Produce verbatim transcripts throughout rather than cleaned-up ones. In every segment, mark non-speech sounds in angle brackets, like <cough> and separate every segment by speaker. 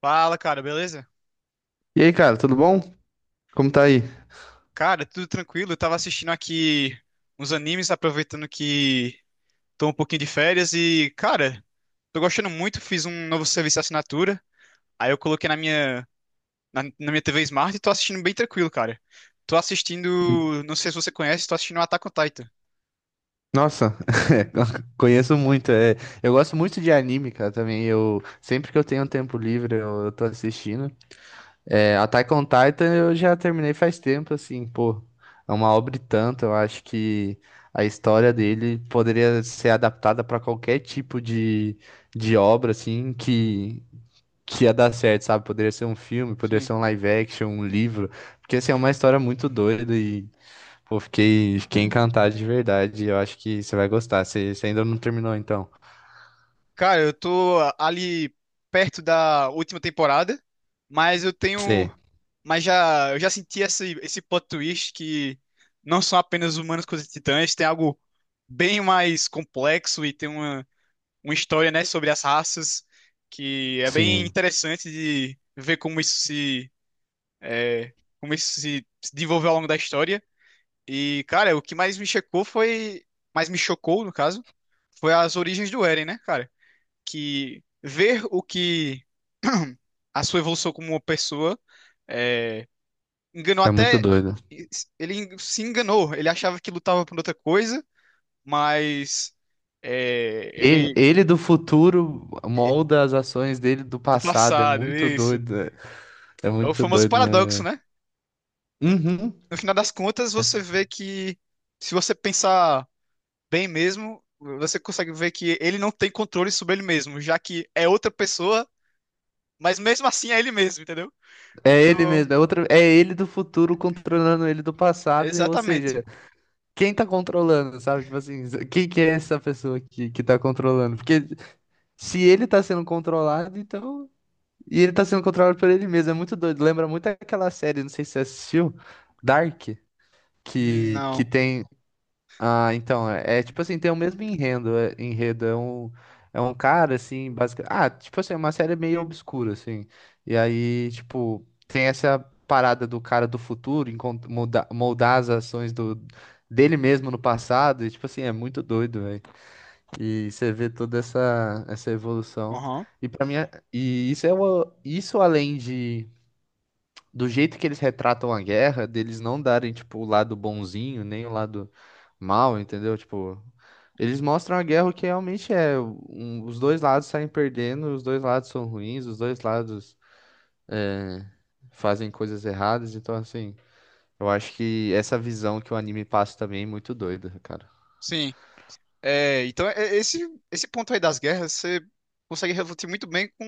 Speaker 1: Fala, cara, beleza?
Speaker 2: E aí, cara, tudo bom? Como tá aí?
Speaker 1: Cara, tudo tranquilo. Eu tava assistindo aqui uns animes, aproveitando que tô um pouquinho de férias e, cara, tô gostando muito. Fiz um novo serviço de assinatura. Aí eu coloquei na minha, na, na minha T V Smart e tô assistindo bem tranquilo, cara. Tô assistindo, não sei se você conhece, tô assistindo Attack on Titan.
Speaker 2: Nossa, <laughs> conheço muito. É. Eu gosto muito de anime, cara, também. Eu sempre que eu tenho um tempo livre, eu, eu tô assistindo. É, Attack on Titan eu já terminei faz tempo, assim, pô. É uma obra e tanto. Eu acho que a história dele poderia ser adaptada pra qualquer tipo de, de obra, assim, que, que ia dar certo, sabe? Poderia ser um filme, poderia ser um live action, um livro. Porque, assim, é uma história muito doida. E pô, fiquei, fiquei encantado de verdade. Eu acho que você vai gostar. Você, você ainda não terminou, então.
Speaker 1: Cara, eu tô ali perto da última temporada, mas eu tenho,
Speaker 2: Você,
Speaker 1: mas já eu já senti esse esse plot twist que não são apenas humanos contra titãs, tem algo bem mais complexo e tem uma uma história, né, sobre as raças que é bem
Speaker 2: sim,
Speaker 1: interessante de ver como isso se é, como isso se se desenvolveu ao longo da história. E cara, o que mais me chocou foi, mais me chocou no caso, foi as origens do Eren, né, cara? Que ver o que A sua evolução como uma pessoa é, enganou
Speaker 2: é muito
Speaker 1: até.
Speaker 2: doido.
Speaker 1: Ele se enganou, ele achava que lutava por outra coisa, mas é,
Speaker 2: E-
Speaker 1: ele.
Speaker 2: Ele do futuro molda as ações dele do
Speaker 1: Do
Speaker 2: passado. É
Speaker 1: passado,
Speaker 2: muito
Speaker 1: isso.
Speaker 2: doido. É, é
Speaker 1: É o
Speaker 2: muito
Speaker 1: famoso
Speaker 2: doido, né?
Speaker 1: paradoxo, né?
Speaker 2: Uhum.
Speaker 1: No final das contas, você vê que, se você pensar bem mesmo, você consegue ver que ele não tem controle sobre ele mesmo, já que é outra pessoa, mas mesmo assim é ele mesmo, entendeu?
Speaker 2: É ele
Speaker 1: Então,
Speaker 2: mesmo. É outra, é ele do futuro controlando ele do passado. e, Ou
Speaker 1: exatamente.
Speaker 2: seja, quem tá controlando, sabe? Tipo assim, quem que é essa pessoa que, que tá controlando? Porque se ele tá sendo controlado, então. E ele tá sendo controlado por ele mesmo. É muito doido. Lembra muito aquela série, não sei se você assistiu, Dark, que, que
Speaker 1: Não.
Speaker 2: tem. Ah, então, é, é tipo assim, tem o mesmo enredo. É, enredo é um, é um cara, assim, basicamente. Ah, tipo assim, é uma série meio obscura, assim. E aí, tipo, tem essa parada do cara do futuro encont- molda- moldar as ações do, dele mesmo no passado. E, tipo assim, é muito doido, velho. E você vê toda essa, essa evolução.
Speaker 1: Aham.
Speaker 2: E para mim, é- e isso é o, isso além de do jeito que eles retratam a guerra, deles não darem tipo o lado bonzinho, nem o lado mal, entendeu? Tipo, eles mostram a guerra o que realmente é, um- os dois lados saem perdendo, os dois lados são ruins, os dois lados é, fazem coisas erradas, então assim, eu acho que essa visão que o anime passa também é muito doida, cara.
Speaker 1: Sim. É, então, é- é, esse, Esse ponto aí das guerras, você consegue refletir muito bem com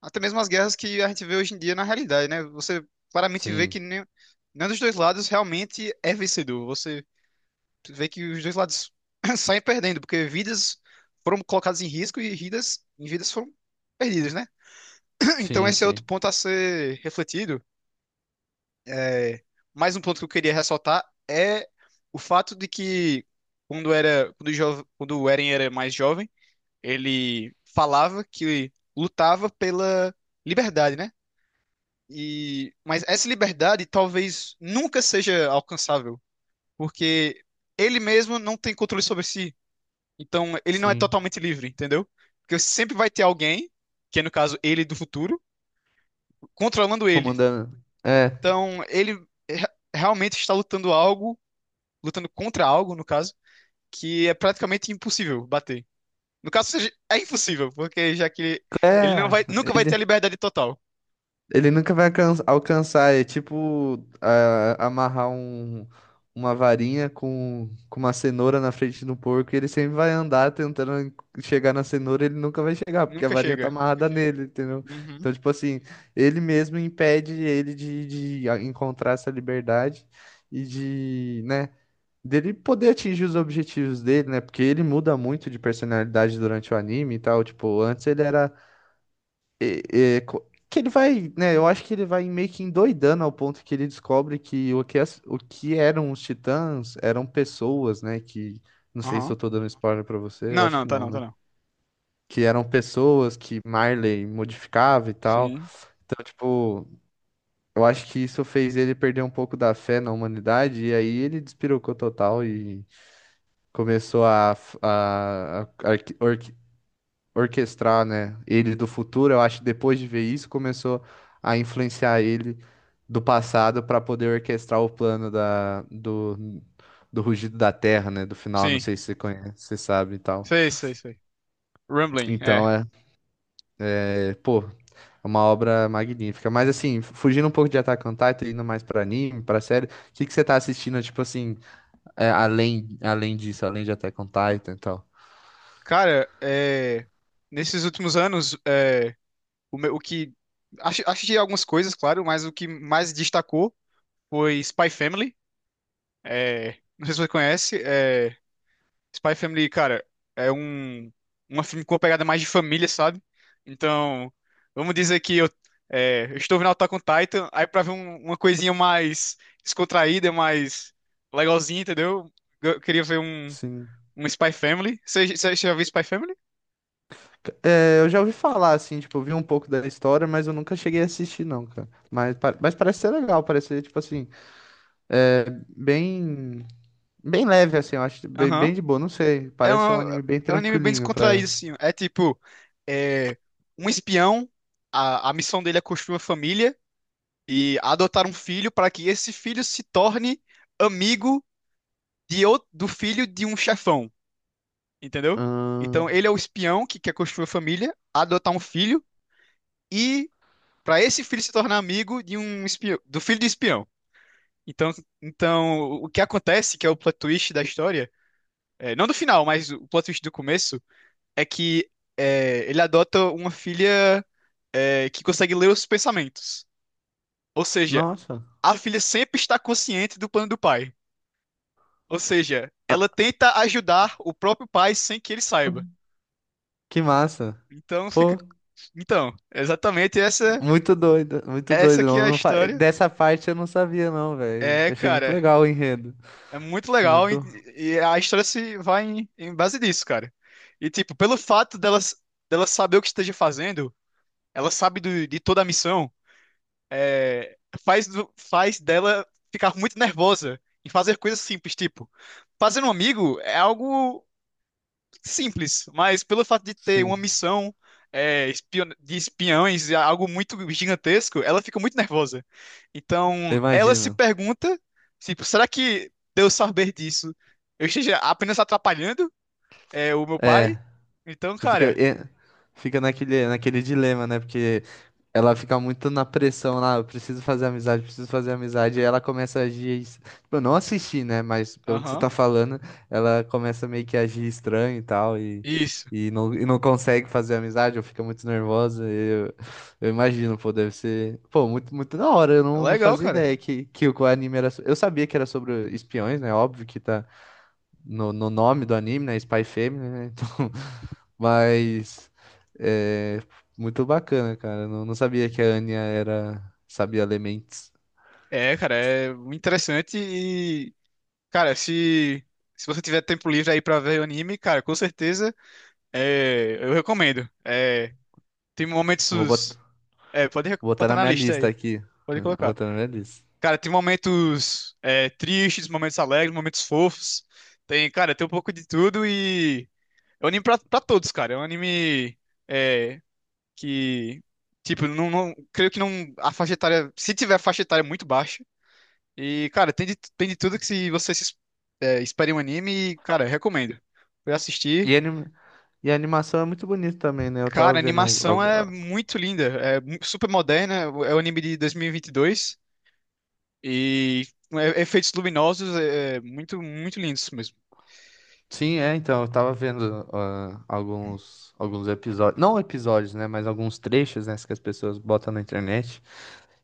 Speaker 1: até mesmo as guerras que a gente vê hoje em dia na realidade, né? Você claramente vê
Speaker 2: Sim,
Speaker 1: que nem, nenhum dos dois lados realmente é vencedor. Você vê que os dois lados <coughs> <clears throat> saem perdendo, porque vidas foram colocadas em risco e vidas, e vidas foram perdidas, né? <clears throat> Então,
Speaker 2: sim,
Speaker 1: esse é outro
Speaker 2: sim.
Speaker 1: ponto a ser refletido. É, mais um ponto que eu queria ressaltar é o fato de que quando era quando, jo- quando o Eren era mais jovem, ele falava que lutava pela liberdade, né? E mas essa liberdade talvez nunca seja alcançável, porque ele mesmo não tem controle sobre si. Então ele não é
Speaker 2: Sim.
Speaker 1: totalmente livre, entendeu? Porque sempre vai ter alguém, que é no caso ele do futuro, controlando ele.
Speaker 2: Comandando. É,
Speaker 1: Então ele re- realmente está lutando algo lutando contra algo, no caso, que é praticamente impossível bater. No caso, seja, é impossível, porque já que ele, ele não
Speaker 2: é,
Speaker 1: vai, nunca vai ter a
Speaker 2: ele,
Speaker 1: liberdade total.
Speaker 2: ele nunca vai alcan- alcançar. É tipo a- amarrar um, uma varinha com, com uma cenoura na frente do porco e ele sempre vai andar tentando chegar na cenoura, ele nunca vai chegar, porque a
Speaker 1: Nunca
Speaker 2: varinha tá
Speaker 1: chega.
Speaker 2: amarrada nele, entendeu?
Speaker 1: Uhum.
Speaker 2: Então, tipo assim, ele mesmo impede ele de, de a- encontrar essa liberdade e de, né, dele poder atingir os objetivos dele, né? Porque ele muda muito de personalidade durante o anime e tal. Tipo, antes ele era. é- é, co- que ele vai, né? Eu acho que ele vai meio que endoidando ao ponto que ele descobre que o que, as- o que eram os titãs eram pessoas, né? Que não sei se
Speaker 1: Aham.
Speaker 2: eu tô dando spoiler pra você, eu
Speaker 1: Não,
Speaker 2: acho
Speaker 1: não,
Speaker 2: que
Speaker 1: tá
Speaker 2: não,
Speaker 1: não, tá
Speaker 2: né?
Speaker 1: não.
Speaker 2: Que eram pessoas que Marley modificava e tal.
Speaker 1: Sim.
Speaker 2: Então, tipo, eu acho que isso fez ele perder um pouco da fé na humanidade, e aí ele despirocou total e começou a, f- a, a arqui- orquestrar, né, ele do futuro, eu acho que depois de ver isso começou a influenciar ele do passado para poder orquestrar o plano da, do, do Rugido da Terra, né, do final, não
Speaker 1: Sim.
Speaker 2: sei se você conhece, você sabe e tal.
Speaker 1: Sei, sei, sei. Rumbling, é.
Speaker 2: Então é, é, pô, é uma obra magnífica. Mas assim, fugindo um pouco de Attack on Titan, indo mais para anime, para série, o que que você tá assistindo, tipo assim, é, além além disso, além de Attack on Titan e tal?
Speaker 1: Cara, é, nesses últimos anos, é, o, meu- o que. Acho, achei algumas coisas, claro, mas o que mais destacou foi Spy Family. É, não sei se você conhece. é, Spy Family, cara, é um uma filme com uma pegada mais de família, sabe? Então, vamos dizer que eu, é, eu estou vendo Attack on Titan, aí pra ver um- uma coisinha mais descontraída, mais legalzinha, entendeu? Eu queria ver um,
Speaker 2: Sim.
Speaker 1: um Spy Family. Você você- você já viu Spy Family?
Speaker 2: É, eu já ouvi falar, assim, tipo, eu vi um pouco da história, mas eu nunca cheguei a assistir, não, cara. Mas, pa- mas parece ser legal, parece ser, tipo assim, é, bem, bem leve, assim, eu acho, bem,
Speaker 1: Aham.
Speaker 2: bem de boa, não sei.
Speaker 1: É
Speaker 2: Parece ser um
Speaker 1: um,
Speaker 2: anime bem
Speaker 1: é um anime bem
Speaker 2: tranquilinho pra...
Speaker 1: descontraído, assim. É tipo, é, um espião, a, a missão dele é construir uma família e adotar um filho para que esse filho se torne amigo de, ou- do filho de um chefão, entendeu?
Speaker 2: Ahn,
Speaker 1: Então ele é o espião que quer construir uma família, adotar um filho e para esse filho se tornar amigo de um espião, do filho de espião. Então, então o que acontece, que é o plot twist da história, é, não do final, mas o plot twist do começo é que é, ele adota uma filha é, que consegue ler os pensamentos. Ou seja,
Speaker 2: nossa,
Speaker 1: a filha sempre está consciente do plano do pai. Ou seja, ela tenta ajudar o próprio pai sem que ele saiba.
Speaker 2: que massa.
Speaker 1: Então fica.
Speaker 2: Pô,
Speaker 1: Então, exatamente essa
Speaker 2: muito doido, muito
Speaker 1: essa
Speaker 2: doido.
Speaker 1: que é a
Speaker 2: Não, não fa-
Speaker 1: história.
Speaker 2: Dessa parte eu não sabia, não, velho.
Speaker 1: É,
Speaker 2: Eu achei muito
Speaker 1: cara,
Speaker 2: legal o enredo.
Speaker 1: é muito
Speaker 2: Sim,
Speaker 1: legal e,
Speaker 2: muito...
Speaker 1: e a história se vai em, em base disso, cara. E tipo, pelo fato dela, dela saber o que esteja fazendo, ela sabe do- de toda a missão. é, faz, do- Faz dela ficar muito nervosa em fazer coisas simples, tipo, fazer um amigo é algo simples, mas pelo fato de ter uma
Speaker 2: Sim,
Speaker 1: missão é, espio- de espiões, é algo muito gigantesco, ela fica muito nervosa. Então, ela se
Speaker 2: imagina.
Speaker 1: pergunta, tipo, será que de eu saber disso, eu esteja apenas atrapalhando é, o meu pai?
Speaker 2: É,
Speaker 1: Então,
Speaker 2: fica...
Speaker 1: cara,
Speaker 2: é, fica naquele, naquele dilema, né? Porque ela fica muito na pressão lá, eu preciso fazer amizade, preciso fazer amizade, e ela começa a agir. es- Tipo, eu não assisti, né? Mas pelo que você
Speaker 1: aham,
Speaker 2: tá falando, ela começa meio que a agir estranho e tal, e,
Speaker 1: isso.
Speaker 2: e, não, e não consegue fazer amizade, ou fica muito nervosa. Eu, eu imagino, pô, deve ser. Pô, muito, muito da hora, eu não, não
Speaker 1: Legal,
Speaker 2: fazia
Speaker 1: cara.
Speaker 2: ideia que, que o anime era. so- Eu sabia que era sobre espiões, né? Óbvio que tá no, no nome do anime, né? Spy Family, né? <laughs> Então, mas é muito bacana, cara. Eu não, não sabia que a Anya era, sabia ler mentes.
Speaker 1: É, cara, é muito interessante. Cara, se, se você tiver tempo livre aí pra ver o anime, cara, com certeza é, eu recomendo. É, tem
Speaker 2: Vou
Speaker 1: momentos.
Speaker 2: bot-
Speaker 1: É, pode rec-
Speaker 2: Vou botar
Speaker 1: botar
Speaker 2: na
Speaker 1: na
Speaker 2: minha
Speaker 1: lista
Speaker 2: lista
Speaker 1: aí.
Speaker 2: aqui.
Speaker 1: Pode
Speaker 2: Vou
Speaker 1: colocar.
Speaker 2: botar na minha lista.
Speaker 1: Cara, tem momentos é, tristes, momentos alegres, momentos fofos. Tem, cara, tem um pouco de tudo e. É um anime pra, pra todos, cara. É um anime é, que. Tipo, não, não- creio que não. A faixa etária. Se tiver faixa etária muito baixa. E, cara, tem de, tem de tudo que se você se, é, espere um anime, cara, recomendo. Fui assistir.
Speaker 2: E, anim- e a animação é muito bonita também, né? Eu
Speaker 1: Cara,
Speaker 2: tava
Speaker 1: a
Speaker 2: vendo. al-
Speaker 1: animação é
Speaker 2: al-
Speaker 1: muito linda, é mu- super moderna, é o anime de dois mil e vinte e dois e vinte e dois e é- efeitos luminosos é, é muito, muito lindos mesmo.
Speaker 2: Sim, é, então, eu tava vendo ah, alguns, alguns episódios. Não episódios, né? Mas alguns trechos, né? Que as pessoas botam na internet.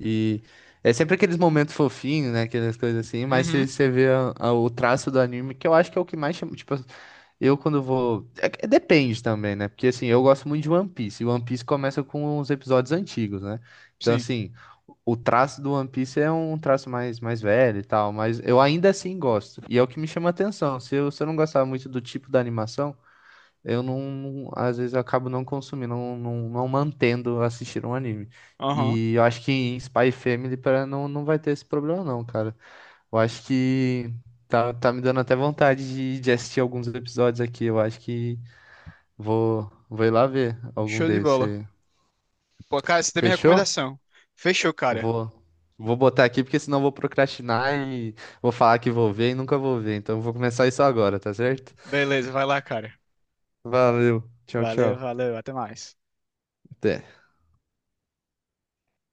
Speaker 2: E é sempre aqueles momentos fofinhos, né? Aquelas coisas assim, mas se
Speaker 1: Uhum,
Speaker 2: você vê a- a- o traço do anime, que eu acho que é o que mais chama. Tipo, eu quando vou. É que- depende também, né? Porque assim, eu gosto muito de One Piece. E One Piece começa com os episódios antigos, né? Então,
Speaker 1: sim.
Speaker 2: assim, o traço do One Piece é um traço mais, mais velho e tal, mas eu ainda assim gosto. E é o que me chama a atenção. Se eu, se eu não gostar muito do tipo da animação eu não, às vezes eu acabo não consumindo, não, não, não mantendo assistir um anime.
Speaker 1: Aham.
Speaker 2: E eu acho que em Spy Family pra, não, não vai ter esse problema não, cara. Eu acho que tá, tá me dando até vontade de, de assistir alguns episódios aqui. Eu acho que vou, vou ir lá ver algum
Speaker 1: Show de
Speaker 2: deles.
Speaker 1: bola.
Speaker 2: Você
Speaker 1: Pô, cara, você tem minha
Speaker 2: fechou?
Speaker 1: recomendação. Fechou, cara.
Speaker 2: Vou, Vou botar aqui porque senão eu vou procrastinar e vou falar que vou ver e nunca vou ver. Então eu vou começar isso agora, tá certo?
Speaker 1: Beleza, vai lá, cara.
Speaker 2: Valeu. Tchau,
Speaker 1: Valeu,
Speaker 2: tchau.
Speaker 1: valeu, até mais.
Speaker 2: Até.